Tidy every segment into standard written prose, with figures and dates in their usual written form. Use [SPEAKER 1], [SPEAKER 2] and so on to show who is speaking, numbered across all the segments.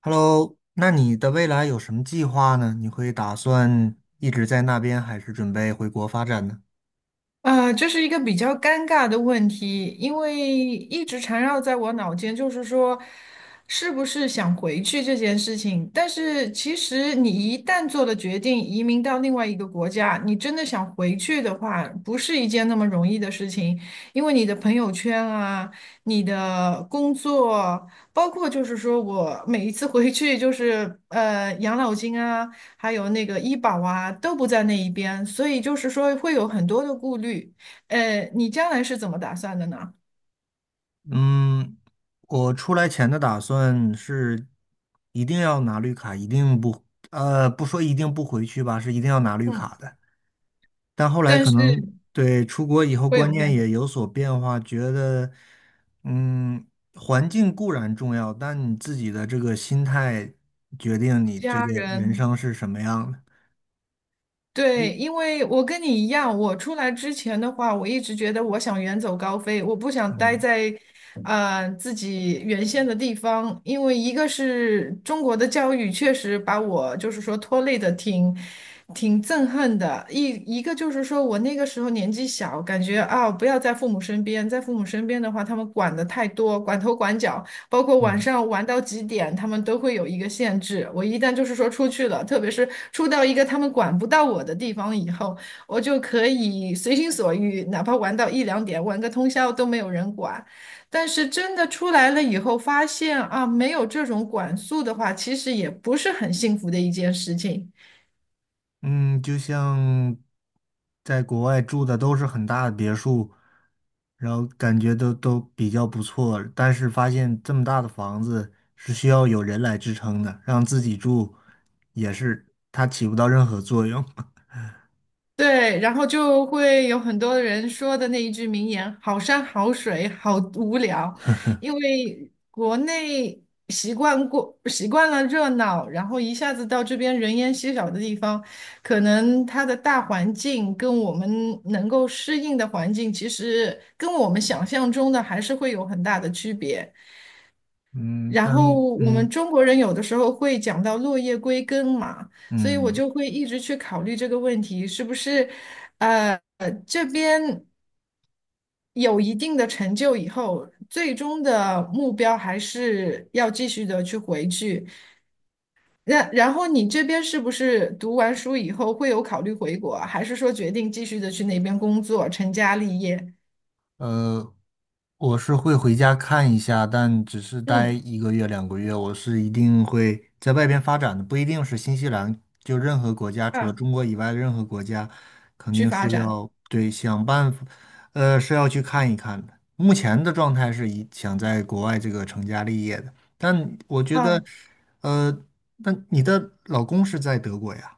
[SPEAKER 1] Hello，那你的未来有什么计划呢？你会打算一直在那边，还是准备回国发展呢？
[SPEAKER 2] 这是一个比较尴尬的问题，因为一直缠绕在我脑间，就是说，是不是想回去这件事情。但是其实你一旦做了决定，移民到另外一个国家，你真的想回去的话，不是一件那么容易的事情，因为你的朋友圈啊，你的工作，包括就是说我每一次回去就是养老金啊。还有那个医保啊，都不在那一边，所以就是说会有很多的顾虑。你将来是怎么打算的呢？
[SPEAKER 1] 嗯，我出来前的打算是一定要拿绿卡，一定不，不说一定不回去吧，是一定要拿绿
[SPEAKER 2] 嗯，
[SPEAKER 1] 卡的。但后来
[SPEAKER 2] 但
[SPEAKER 1] 可
[SPEAKER 2] 是
[SPEAKER 1] 能对出国以后
[SPEAKER 2] 会有
[SPEAKER 1] 观念
[SPEAKER 2] 变动，
[SPEAKER 1] 也有所变化，觉得，嗯，环境固然重要，但你自己的这个心态决定你这
[SPEAKER 2] 家
[SPEAKER 1] 个人
[SPEAKER 2] 人。
[SPEAKER 1] 生是什么样的。嗯
[SPEAKER 2] 对，因为我跟你一样，我出来之前的话，我一直觉得我想远走高飞，我不想待
[SPEAKER 1] 嗯。
[SPEAKER 2] 在，自己原先的地方。因为一个是中国的教育确实把我就是说拖累的挺，挺憎恨的。一个就是说我那个时候年纪小，感觉啊不要在父母身边，在父母身边的话，他们管的太多，管头管脚。包括晚
[SPEAKER 1] 嗯
[SPEAKER 2] 上玩到几点，他们都会有一个限制。我一旦就是说出去了，特别是出到一个他们管不到我的地方以后，我就可以随心所欲，哪怕玩到一两点，玩个通宵都没有人管。但是真的出来了以后，发现啊，没有这种管束的话，其实也不是很幸福的一件事情。
[SPEAKER 1] 嗯，就像在国外住的都是很大的别墅，然后感觉都比较不错，但是发现这么大的房子是需要有人来支撑的，让自己住也是它起不到任何作用。
[SPEAKER 2] 对，然后就会有很多人说的那一句名言：“好山好水好无聊”，因为国内习惯了热闹，然后一下子到这边人烟稀少的地方，可能它的大环境跟我们能够适应的环境，其实跟我们想象中的还是会有很大的区别。
[SPEAKER 1] 嗯，
[SPEAKER 2] 然
[SPEAKER 1] 但
[SPEAKER 2] 后我们
[SPEAKER 1] 嗯
[SPEAKER 2] 中国人有的时候会讲到落叶归根嘛，所以我
[SPEAKER 1] 嗯，
[SPEAKER 2] 就会一直去考虑这个问题，是不是，这边有一定的成就以后，最终的目标还是要继续的去回去。那然后你这边是不是读完书以后会有考虑回国啊还是说决定继续的去那边工作，成家立业？
[SPEAKER 1] 呃，我是会回家看一下，但只是待
[SPEAKER 2] 嗯，
[SPEAKER 1] 1个月、2个月，我是一定会在外边发展的，不一定是新西兰，就任何国家，除了
[SPEAKER 2] 啊，
[SPEAKER 1] 中国以外的任何国家，肯
[SPEAKER 2] 去
[SPEAKER 1] 定
[SPEAKER 2] 发
[SPEAKER 1] 是
[SPEAKER 2] 展。
[SPEAKER 1] 要对想办法，是要去看一看的。目前的状态是以想在国外这个成家立业的，但我觉得，
[SPEAKER 2] 啊。
[SPEAKER 1] 呃，那你的老公是在德国呀？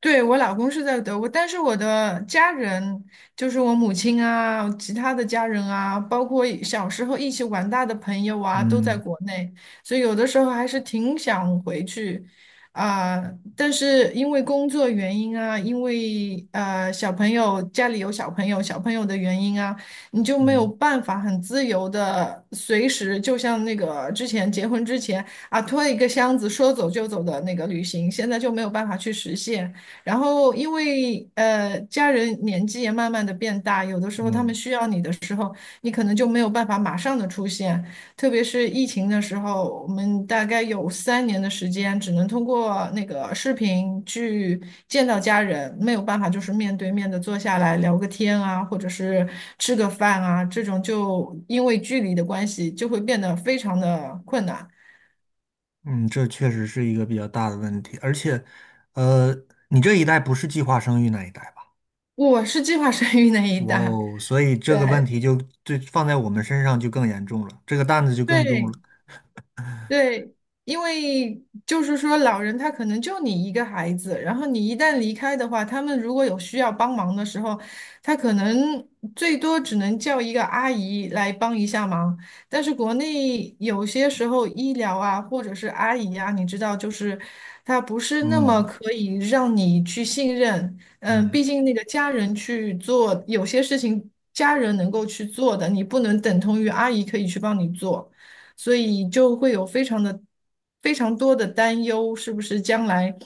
[SPEAKER 2] 对，我老公是在德国，但是我的家人，就是我母亲啊，其他的家人啊，包括一小时候一起玩大的朋友啊，都在
[SPEAKER 1] 嗯
[SPEAKER 2] 国内，所以有的时候还是挺想回去啊，但是因为工作原因啊，因为小朋友家里有小朋友的原因啊，你就没有
[SPEAKER 1] 嗯。
[SPEAKER 2] 办法很自由的随时，就像那个之前结婚之前啊，拖一个箱子说走就走的那个旅行，现在就没有办法去实现。然后，因为家人年纪也慢慢的变大，有的时候他们
[SPEAKER 1] 嗯。
[SPEAKER 2] 需要你的时候，你可能就没有办法马上的出现。特别是疫情的时候，我们大概有三年的时间，只能通过那个视频去见到家人，没有办法就是面对面的坐下来聊个天啊，或者是吃个饭啊，这种就因为距离的关系，就会变得非常的困难。
[SPEAKER 1] 嗯，这确实是一个比较大的问题，而且，呃，你这一代不是计划生育那一代吧？
[SPEAKER 2] 我是计划生育那一
[SPEAKER 1] 哇
[SPEAKER 2] 代，
[SPEAKER 1] 哦，所以这个问
[SPEAKER 2] 对。
[SPEAKER 1] 题就放在我们身上就更严重了，这个担子就更重了。
[SPEAKER 2] 对，对，因为就是说，老人他可能就你一个孩子，然后你一旦离开的话，他们如果有需要帮忙的时候，他可能最多只能叫一个阿姨来帮一下忙。但是国内有些时候医疗啊，或者是阿姨啊，你知道，就是他不是那么
[SPEAKER 1] 嗯
[SPEAKER 2] 可以让你去信任。嗯，
[SPEAKER 1] 嗯
[SPEAKER 2] 毕竟那个家人去做有些事情，家人能够去做的，你不能等同于阿姨可以去帮你做。所以就会有非常多的担忧，是不是将来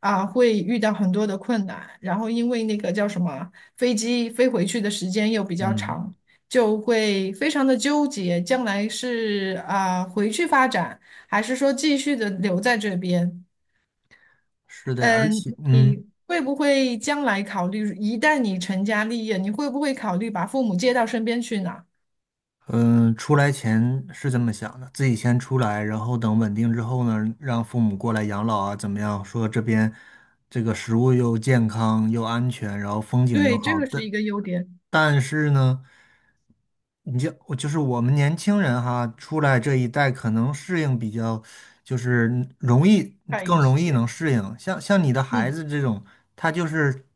[SPEAKER 2] 啊会遇到很多的困难？然后因为那个叫什么飞机飞回去的时间又比较
[SPEAKER 1] 嗯，
[SPEAKER 2] 长，就会非常的纠结，将来是啊回去发展，还是说继续的留在这边？
[SPEAKER 1] 是的，而
[SPEAKER 2] 嗯，
[SPEAKER 1] 且
[SPEAKER 2] 你会不会将来考虑，一旦你成家立业，你会不会考虑把父母接到身边去呢？
[SPEAKER 1] 嗯，出来前是这么想的，自己先出来，然后等稳定之后呢，让父母过来养老啊，怎么样？说这边这个食物又健康又安全，然后风景又
[SPEAKER 2] 对，这
[SPEAKER 1] 好，
[SPEAKER 2] 个是
[SPEAKER 1] 但
[SPEAKER 2] 一个优点，
[SPEAKER 1] 但是呢，我就是我们年轻人哈，出来这一代可能适应比较，就是容易
[SPEAKER 2] 快一
[SPEAKER 1] 更容易
[SPEAKER 2] 些。
[SPEAKER 1] 能适应。像你的孩
[SPEAKER 2] 嗯。
[SPEAKER 1] 子这种，他就是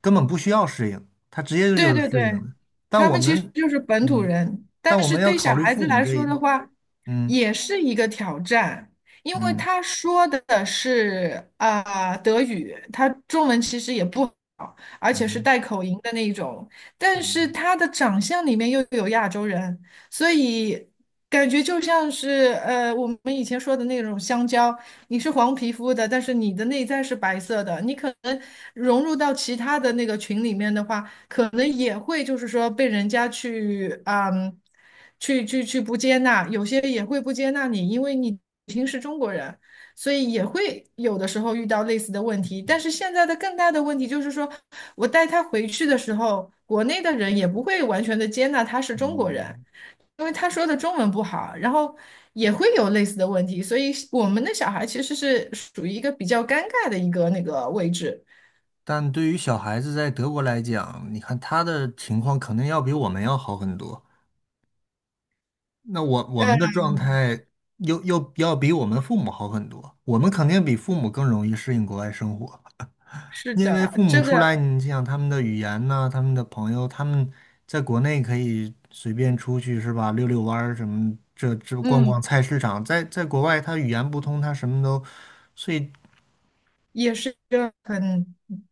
[SPEAKER 1] 根本不需要适应，他直接就
[SPEAKER 2] 对
[SPEAKER 1] 是
[SPEAKER 2] 对
[SPEAKER 1] 适应
[SPEAKER 2] 对，
[SPEAKER 1] 的。但
[SPEAKER 2] 他
[SPEAKER 1] 我
[SPEAKER 2] 们其实
[SPEAKER 1] 们，
[SPEAKER 2] 就是本土
[SPEAKER 1] 嗯。
[SPEAKER 2] 人，
[SPEAKER 1] 但
[SPEAKER 2] 但
[SPEAKER 1] 我们
[SPEAKER 2] 是
[SPEAKER 1] 要
[SPEAKER 2] 对
[SPEAKER 1] 考
[SPEAKER 2] 小
[SPEAKER 1] 虑
[SPEAKER 2] 孩子
[SPEAKER 1] 父母
[SPEAKER 2] 来
[SPEAKER 1] 这
[SPEAKER 2] 说
[SPEAKER 1] 一，
[SPEAKER 2] 的话，
[SPEAKER 1] 嗯
[SPEAKER 2] 也是一个挑战，因为
[SPEAKER 1] 嗯
[SPEAKER 2] 他说的是啊、德语，他中文其实也不好，而且是
[SPEAKER 1] 嗯
[SPEAKER 2] 带口音的那一种，但是他的长相里面又有亚洲人，所以感觉就像是我们以前说的那种香蕉，你是黄皮肤的，但是你的内在是白色的，你可能融入到其他的那个群里面的话。可能也会就是说被人家去啊嗯，去不接纳，有些也会不接纳你，因为你已经是中国人，所以也会有的时候遇到类似的问题。但是现在的更大的问题就是说，我带他回去的时候，国内的人也不会完全的接纳他是中国
[SPEAKER 1] 嗯。
[SPEAKER 2] 人，因为他说的中文不好，然后也会有类似的问题。所以我们的小孩其实是属于一个比较尴尬的一个那个位置。
[SPEAKER 1] 但对于小孩子在德国来讲，你看他的情况肯定要比我们要好很多。那我们
[SPEAKER 2] 呃，
[SPEAKER 1] 的状态又要比我们父母好很多。我们肯定比父母更容易适应国外生活，
[SPEAKER 2] 是
[SPEAKER 1] 因为
[SPEAKER 2] 的，
[SPEAKER 1] 父母
[SPEAKER 2] 这
[SPEAKER 1] 出
[SPEAKER 2] 个，
[SPEAKER 1] 来，你想他们的语言呐、他们的朋友，他们在国内可以随便出去是吧？遛遛弯儿什么，这逛逛
[SPEAKER 2] 嗯。
[SPEAKER 1] 菜市场，在国外他语言不通，他什么都。所以
[SPEAKER 2] 也是一个很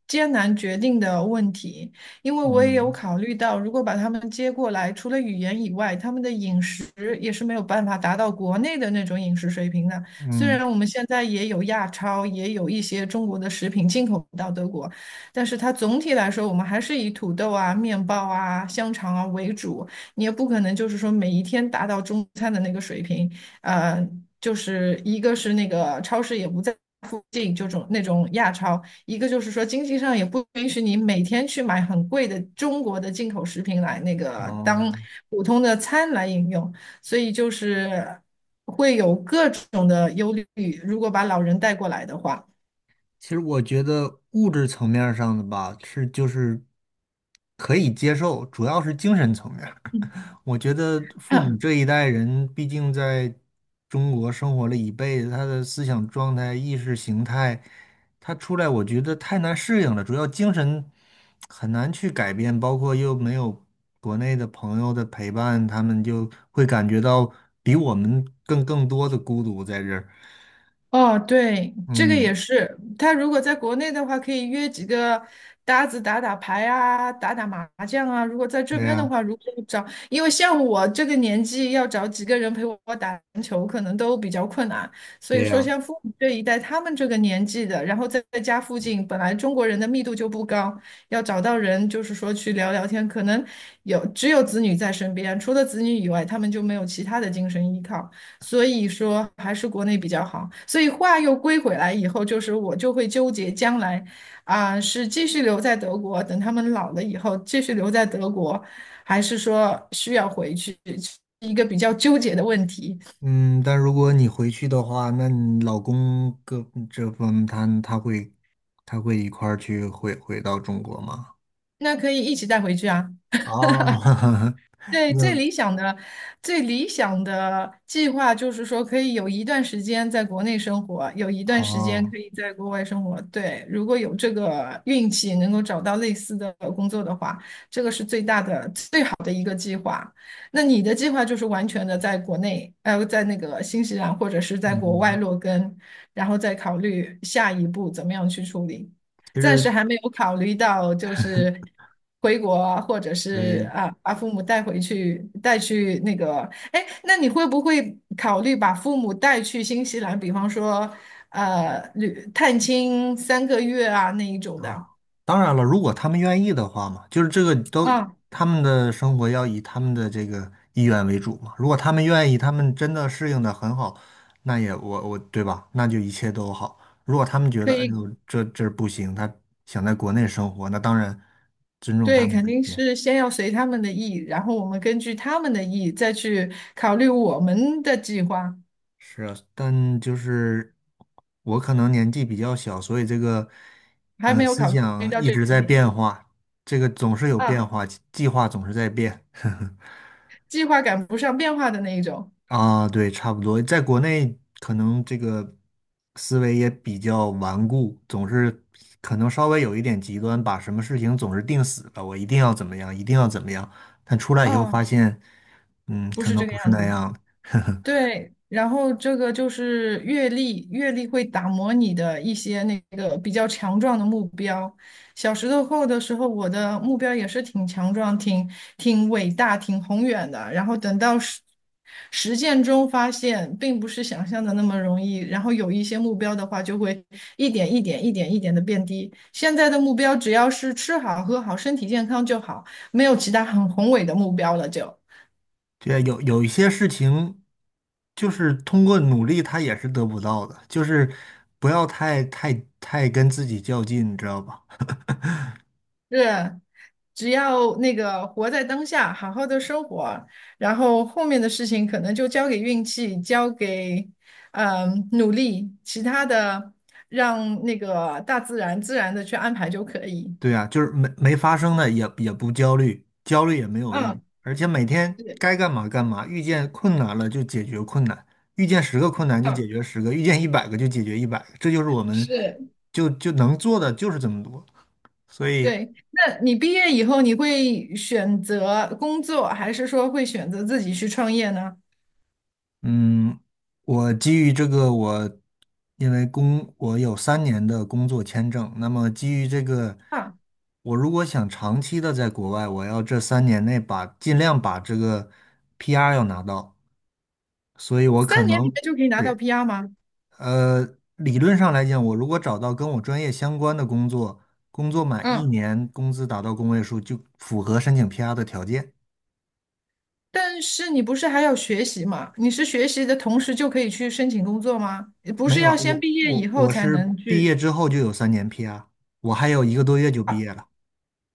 [SPEAKER 2] 艰难决定的问题，因为我也有
[SPEAKER 1] 嗯
[SPEAKER 2] 考虑到，如果把他们接过来，除了语言以外，他们的饮食也是没有办法达到国内的那种饮食水平的。虽
[SPEAKER 1] 嗯
[SPEAKER 2] 然我们现在也有亚超，也有一些中国的食品进口到德国，但是它总体来说，我们还是以土豆啊、面包啊、香肠啊为主。你也不可能就是说每一天达到中餐的那个水平，呃，就是一个是那个超市也不在附近，就种那种亚超；一个就是说经济上也不允许你每天去买很贵的中国的进口食品来那个当
[SPEAKER 1] 哦，
[SPEAKER 2] 普通的餐来饮用，所以就是会有各种的忧虑。如果把老人带过来的话，
[SPEAKER 1] 其实我觉得物质层面儿上的吧，是就是可以接受，主要是精神层面儿 我觉得父母
[SPEAKER 2] 嗯
[SPEAKER 1] 这 一代人，毕竟在中国生活了一辈子，他的思想状态、意识形态，他出来我觉得太难适应了，主要精神很难去改变，包括又没有国内的朋友的陪伴，他们就会感觉到比我们更多的孤独在这儿。
[SPEAKER 2] 哦，对，这个也
[SPEAKER 1] 嗯，
[SPEAKER 2] 是。他如果在国内的话，可以约几个搭子打打牌啊，打打麻将啊。如果在这
[SPEAKER 1] 对
[SPEAKER 2] 边的
[SPEAKER 1] 呀，
[SPEAKER 2] 话，如果找，因为像我这个年纪，要找几个人陪我打篮球，可能都比较困难。所以
[SPEAKER 1] 对
[SPEAKER 2] 说，
[SPEAKER 1] 呀，
[SPEAKER 2] 像父母这一代，他们这个年纪的，然后在家附近，本来中国人的密度就不高，要找到人，就是说去聊聊天，可能有只有子女在身边，除了子女以外，他们就没有其他的精神依靠。所以说还是国内比较好。所以话又归回来以后，就是我就会纠结将来啊，是继续留在德国，等他们老了以后继续留在德国，还是说需要回去，是一个比较纠结的问题。
[SPEAKER 1] 嗯，但如果你回去的话，那你老公个这方他会一块儿去回到中国吗？
[SPEAKER 2] 那可以一起带回去啊。
[SPEAKER 1] 哦，
[SPEAKER 2] 对，
[SPEAKER 1] 那
[SPEAKER 2] 最理想的计划就是说，可以有一段时间在国内生活，有一段时间
[SPEAKER 1] 哦，
[SPEAKER 2] 可以在国外生活。对，如果有这个运气能够找到类似的工作的话，这个是最好的一个计划。那你的计划就是完全的在国内，在那个新西兰或者是在国外
[SPEAKER 1] 嗯，
[SPEAKER 2] 落根，然后再考虑下一步怎么样去处理。
[SPEAKER 1] 其
[SPEAKER 2] 暂时
[SPEAKER 1] 实。
[SPEAKER 2] 还没有考虑到，就 是回国啊或者是
[SPEAKER 1] 对，
[SPEAKER 2] 啊，把父母带回去，带去那个，哎，那你会不会考虑把父母带去新西兰，比方说旅探亲3个月啊那一种的
[SPEAKER 1] 啊，当然了，如果他们愿意的话嘛，就是这个都
[SPEAKER 2] 啊？
[SPEAKER 1] 他们的生活要以他们的这个意愿为主嘛。如果他们愿意，他们真的适应的很好，那也我对吧？那就一切都好。如果他们觉
[SPEAKER 2] 可
[SPEAKER 1] 得哎
[SPEAKER 2] 以，
[SPEAKER 1] 呦这不行，他想在国内生活，那当然尊重他
[SPEAKER 2] 对，
[SPEAKER 1] 们的
[SPEAKER 2] 肯
[SPEAKER 1] 意
[SPEAKER 2] 定
[SPEAKER 1] 见。
[SPEAKER 2] 是先要随他们的意，然后我们根据他们的意再去考虑我们的计划，
[SPEAKER 1] 是啊，但就是我可能年纪比较小，所以这个
[SPEAKER 2] 还没有
[SPEAKER 1] 思
[SPEAKER 2] 考虑
[SPEAKER 1] 想
[SPEAKER 2] 到
[SPEAKER 1] 一
[SPEAKER 2] 这
[SPEAKER 1] 直
[SPEAKER 2] 一
[SPEAKER 1] 在
[SPEAKER 2] 点
[SPEAKER 1] 变化，这个总是有变
[SPEAKER 2] 啊，
[SPEAKER 1] 化，计划总是在变。
[SPEAKER 2] 计划赶不上变化的那一种
[SPEAKER 1] 啊，对，差不多，在国内可能这个思维也比较顽固，总是可能稍微有一点极端，把什么事情总是定死了，我一定要怎么样，一定要怎么样。但出来以后发
[SPEAKER 2] 啊，
[SPEAKER 1] 现，
[SPEAKER 2] 不
[SPEAKER 1] 可
[SPEAKER 2] 是
[SPEAKER 1] 能
[SPEAKER 2] 这个
[SPEAKER 1] 不是
[SPEAKER 2] 样
[SPEAKER 1] 那
[SPEAKER 2] 子的。
[SPEAKER 1] 样。
[SPEAKER 2] 对，然后这个就是阅历，阅历会打磨你的一些那个比较强壮的目标。小石头后的时候，我的目标也是挺强壮、挺伟大、挺宏远的。然后等到实践中发现，并不是想象的那么容易。然后有一些目标的话，就会一点一点、一点一点的变低。现在的目标只要是吃好、喝好、身体健康就好，没有其他很宏伟的目标了就。
[SPEAKER 1] 对，有一些事情，就是通过努力，他也是得不到的，就是不要太跟自己较劲，你知道吧？
[SPEAKER 2] 是，只要那个活在当下，好好的生活，然后后面的事情可能就交给运气，交给努力，其他的让那个大自然自然的去安排就可以。
[SPEAKER 1] 对呀，就是没发生的也不焦虑，焦虑也没有用，
[SPEAKER 2] 嗯，
[SPEAKER 1] 而且每天
[SPEAKER 2] 对，
[SPEAKER 1] 该干嘛干嘛，遇见困难了就解决困难，遇见十个困难就解
[SPEAKER 2] 嗯，
[SPEAKER 1] 决十个，遇见一百个就解决一百个，这就是我们
[SPEAKER 2] 是，
[SPEAKER 1] 就能做的就是这么多。所以，
[SPEAKER 2] 对。那你毕业以后，你会选择工作，还是说会选择自己去创业呢？
[SPEAKER 1] 嗯，我基于这个，我有三年的工作签证，那么基于这个，
[SPEAKER 2] 啊，
[SPEAKER 1] 我如果想长期的在国外，我要这三年内把尽量把这个 PR 要拿到。所以我可
[SPEAKER 2] 三年里面
[SPEAKER 1] 能
[SPEAKER 2] 就可以拿到
[SPEAKER 1] 对，
[SPEAKER 2] PR 吗？
[SPEAKER 1] 呃，理论上来讲，我如果找到跟我专业相关的工作，工作满一
[SPEAKER 2] 嗯。
[SPEAKER 1] 年，工资达到工位数，就符合申请 PR 的条件。
[SPEAKER 2] 但是你不是还要学习吗？你是学习的同时就可以去申请工作吗？不
[SPEAKER 1] 没
[SPEAKER 2] 是
[SPEAKER 1] 有啊，
[SPEAKER 2] 要先
[SPEAKER 1] 我
[SPEAKER 2] 毕业以
[SPEAKER 1] 我
[SPEAKER 2] 后
[SPEAKER 1] 我
[SPEAKER 2] 才
[SPEAKER 1] 是
[SPEAKER 2] 能
[SPEAKER 1] 毕
[SPEAKER 2] 去
[SPEAKER 1] 业之后就有三年 PR，我还有1个多月就毕
[SPEAKER 2] 啊？
[SPEAKER 1] 业了。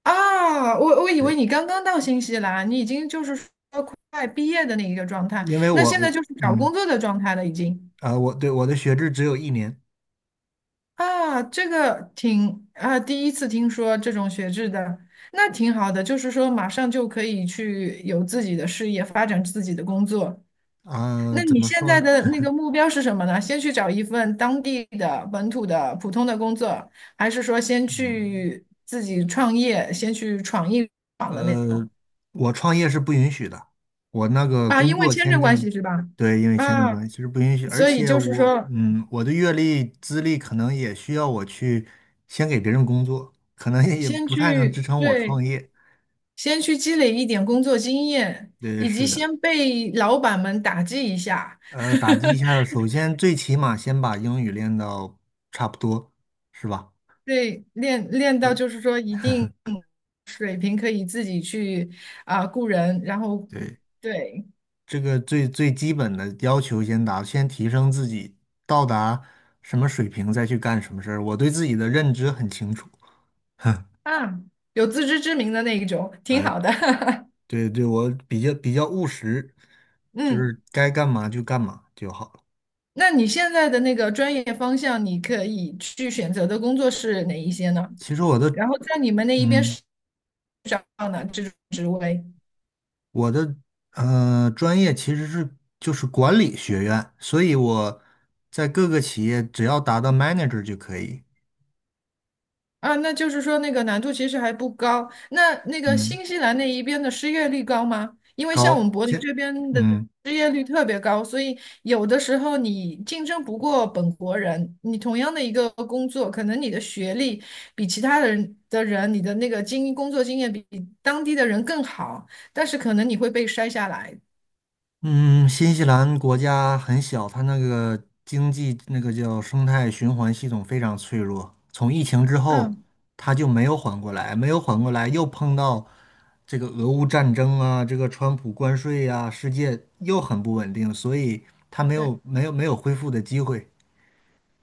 [SPEAKER 2] 啊，我我以为
[SPEAKER 1] 对，
[SPEAKER 2] 你刚刚到新西兰，你已经就是说快毕业的那一个状态，
[SPEAKER 1] 因为
[SPEAKER 2] 那
[SPEAKER 1] 我
[SPEAKER 2] 现在
[SPEAKER 1] 我
[SPEAKER 2] 就是找
[SPEAKER 1] 嗯
[SPEAKER 2] 工作的状态了已经。
[SPEAKER 1] 啊、我对我的学制只有一年
[SPEAKER 2] 啊，这个挺啊，第一次听说这种学制的，那挺好的，就是说马上就可以去有自己的事业，发展自己的工作。
[SPEAKER 1] 啊、
[SPEAKER 2] 那
[SPEAKER 1] 怎
[SPEAKER 2] 你
[SPEAKER 1] 么
[SPEAKER 2] 现在
[SPEAKER 1] 说？
[SPEAKER 2] 的那个目标是什么呢？先去找一份当地的本土的普通的工作，还是说先去自己创业，先去闯一闯的那种
[SPEAKER 1] 呃，我创业是不允许的，我那个
[SPEAKER 2] 啊？
[SPEAKER 1] 工
[SPEAKER 2] 因为
[SPEAKER 1] 作
[SPEAKER 2] 签
[SPEAKER 1] 签
[SPEAKER 2] 证关
[SPEAKER 1] 证，
[SPEAKER 2] 系是吧？
[SPEAKER 1] 对，因为签证
[SPEAKER 2] 啊，
[SPEAKER 1] 关系是不允许，而
[SPEAKER 2] 所以
[SPEAKER 1] 且
[SPEAKER 2] 就是
[SPEAKER 1] 我，
[SPEAKER 2] 说，
[SPEAKER 1] 嗯，我的阅历资历可能也需要我去先给别人工作，可能也
[SPEAKER 2] 先
[SPEAKER 1] 不太能支
[SPEAKER 2] 去，
[SPEAKER 1] 撑我创
[SPEAKER 2] 对，
[SPEAKER 1] 业。
[SPEAKER 2] 先去积累一点工作经验，
[SPEAKER 1] 对，
[SPEAKER 2] 以及
[SPEAKER 1] 是的，
[SPEAKER 2] 先被老板们打击一下，
[SPEAKER 1] 打击一下，首先最起码先把英语练到差不多，是吧？
[SPEAKER 2] 对，练到
[SPEAKER 1] 对，
[SPEAKER 2] 就是说一定水平可以自己去啊、雇人，然后
[SPEAKER 1] 对
[SPEAKER 2] 对。
[SPEAKER 1] 这个最最基本的要求先达，先提升自己，到达什么水平再去干什么事儿。我对自己的认知很清楚，
[SPEAKER 2] 啊，有自知之明的那一种，挺
[SPEAKER 1] 哎，
[SPEAKER 2] 好的。
[SPEAKER 1] 对对，我比较比较务实，就
[SPEAKER 2] 嗯，
[SPEAKER 1] 是该干嘛就干嘛就好了。
[SPEAKER 2] 那你现在的那个专业方向，你可以去选择的工作是哪一些呢？
[SPEAKER 1] 其实我的，
[SPEAKER 2] 然后在你们那一边
[SPEAKER 1] 嗯，
[SPEAKER 2] 是找到呢这种职位？
[SPEAKER 1] 我的专业其实是就是管理学院，所以我在各个企业只要达到 manager 就可以，
[SPEAKER 2] 啊，那就是说那个难度其实还不高。那那个
[SPEAKER 1] 嗯，
[SPEAKER 2] 新西兰那一边的失业率高吗？因为像我
[SPEAKER 1] 高，
[SPEAKER 2] 们柏林
[SPEAKER 1] 先，
[SPEAKER 2] 这边的
[SPEAKER 1] 嗯。
[SPEAKER 2] 失业率特别高，所以有的时候你竞争不过本国人，你同样的一个工作，可能你的学历比其他的人的人，你的那个经工作经验比当地的人更好，但是可能你会被筛下来。
[SPEAKER 1] 嗯，新西兰国家很小，它那个经济那个叫生态循环系统非常脆弱。从疫情之后，
[SPEAKER 2] 嗯，
[SPEAKER 1] 它就没有缓过来，没有缓过来，又碰到这个俄乌战争啊，这个川普关税呀、世界又很不稳定，所以它没
[SPEAKER 2] 对，
[SPEAKER 1] 有没有没有恢复的机会。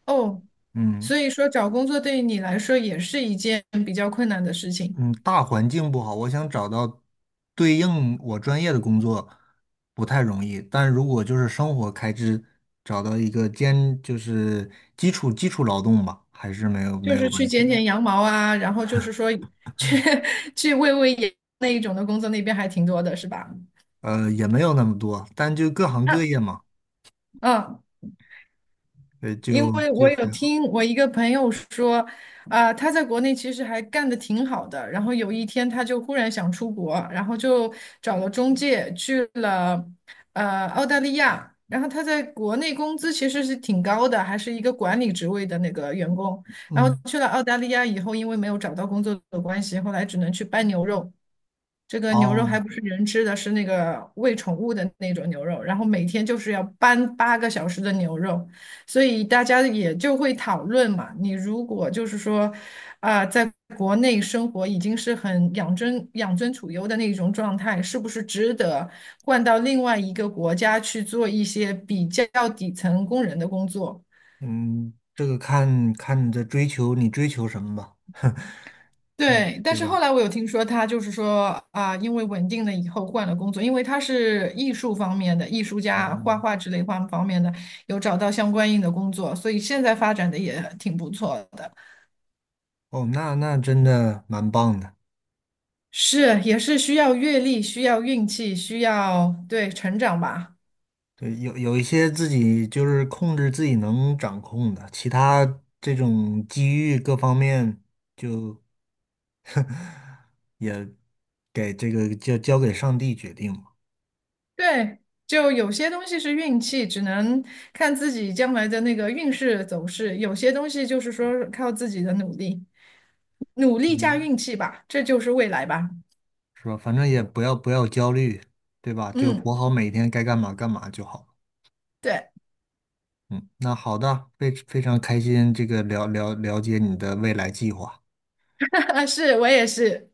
[SPEAKER 2] 哦，
[SPEAKER 1] 嗯
[SPEAKER 2] 所以说找工作对于你来说也是一件比较困难的事情。
[SPEAKER 1] 嗯，大环境不好，我想找到对应我专业的工作不太容易。但如果就是生活开支，找到一个就是基础劳动吧，还是没有没
[SPEAKER 2] 就
[SPEAKER 1] 有
[SPEAKER 2] 是去
[SPEAKER 1] 问题
[SPEAKER 2] 剪
[SPEAKER 1] 的。
[SPEAKER 2] 剪羊毛啊，然后就是说去 去喂喂羊那一种的工作，那边还挺多的，是吧？
[SPEAKER 1] 也没有那么多，但就各行各
[SPEAKER 2] 那
[SPEAKER 1] 业嘛，
[SPEAKER 2] 嗯，因
[SPEAKER 1] 就
[SPEAKER 2] 为
[SPEAKER 1] 就
[SPEAKER 2] 我有
[SPEAKER 1] 还好。
[SPEAKER 2] 听我一个朋友说，啊、他在国内其实还干得挺好的，然后有一天他就忽然想出国，然后就找了中介去了澳大利亚，然后他在国内工资其实是挺高的，还是一个管理职位的那个员工，然后
[SPEAKER 1] 嗯，
[SPEAKER 2] 去了澳大利亚以后，因为没有找到工作的关系，后来只能去搬牛肉。这个牛肉还
[SPEAKER 1] 哦，
[SPEAKER 2] 不是人吃的，是那个喂宠物的那种牛肉，然后每天就是要搬8个小时的牛肉，所以大家也就会讨论嘛。你如果就是说，啊、在国内生活已经是很养尊处优的那种状态，是不是值得换到另外一个国家去做一些比较底层工人的工作？
[SPEAKER 1] 嗯，这个看看你的追求，你追求什么吧，嗯，
[SPEAKER 2] 对，但
[SPEAKER 1] 对
[SPEAKER 2] 是后
[SPEAKER 1] 吧？
[SPEAKER 2] 来我有听说他就是说啊，因为稳定了以后换了工作，因为他是艺术方面的艺术
[SPEAKER 1] 哦
[SPEAKER 2] 家，画画之类方方面的，有找到相关应的工作，所以现在发展的也挺不错的。
[SPEAKER 1] 哦，那真的蛮棒的。
[SPEAKER 2] 是，也是需要阅历，需要运气，需要对成长吧。
[SPEAKER 1] 对，有一些自己就是控制自己能掌控的，其他这种机遇各方面就给这个交给上帝决定嘛，
[SPEAKER 2] 对，就有些东西是运气，只能看自己将来的那个运势走势；有些东西就是说靠自己的努力，努力加
[SPEAKER 1] 嗯，
[SPEAKER 2] 运气吧，这就是未来吧。
[SPEAKER 1] 是吧？反正也不要焦虑，对吧？就活
[SPEAKER 2] 嗯，
[SPEAKER 1] 好每一天，该干嘛干嘛就好。
[SPEAKER 2] 对。
[SPEAKER 1] 嗯，那好的，非常开心，这个了解你的未来计划。
[SPEAKER 2] 啊，是我也是。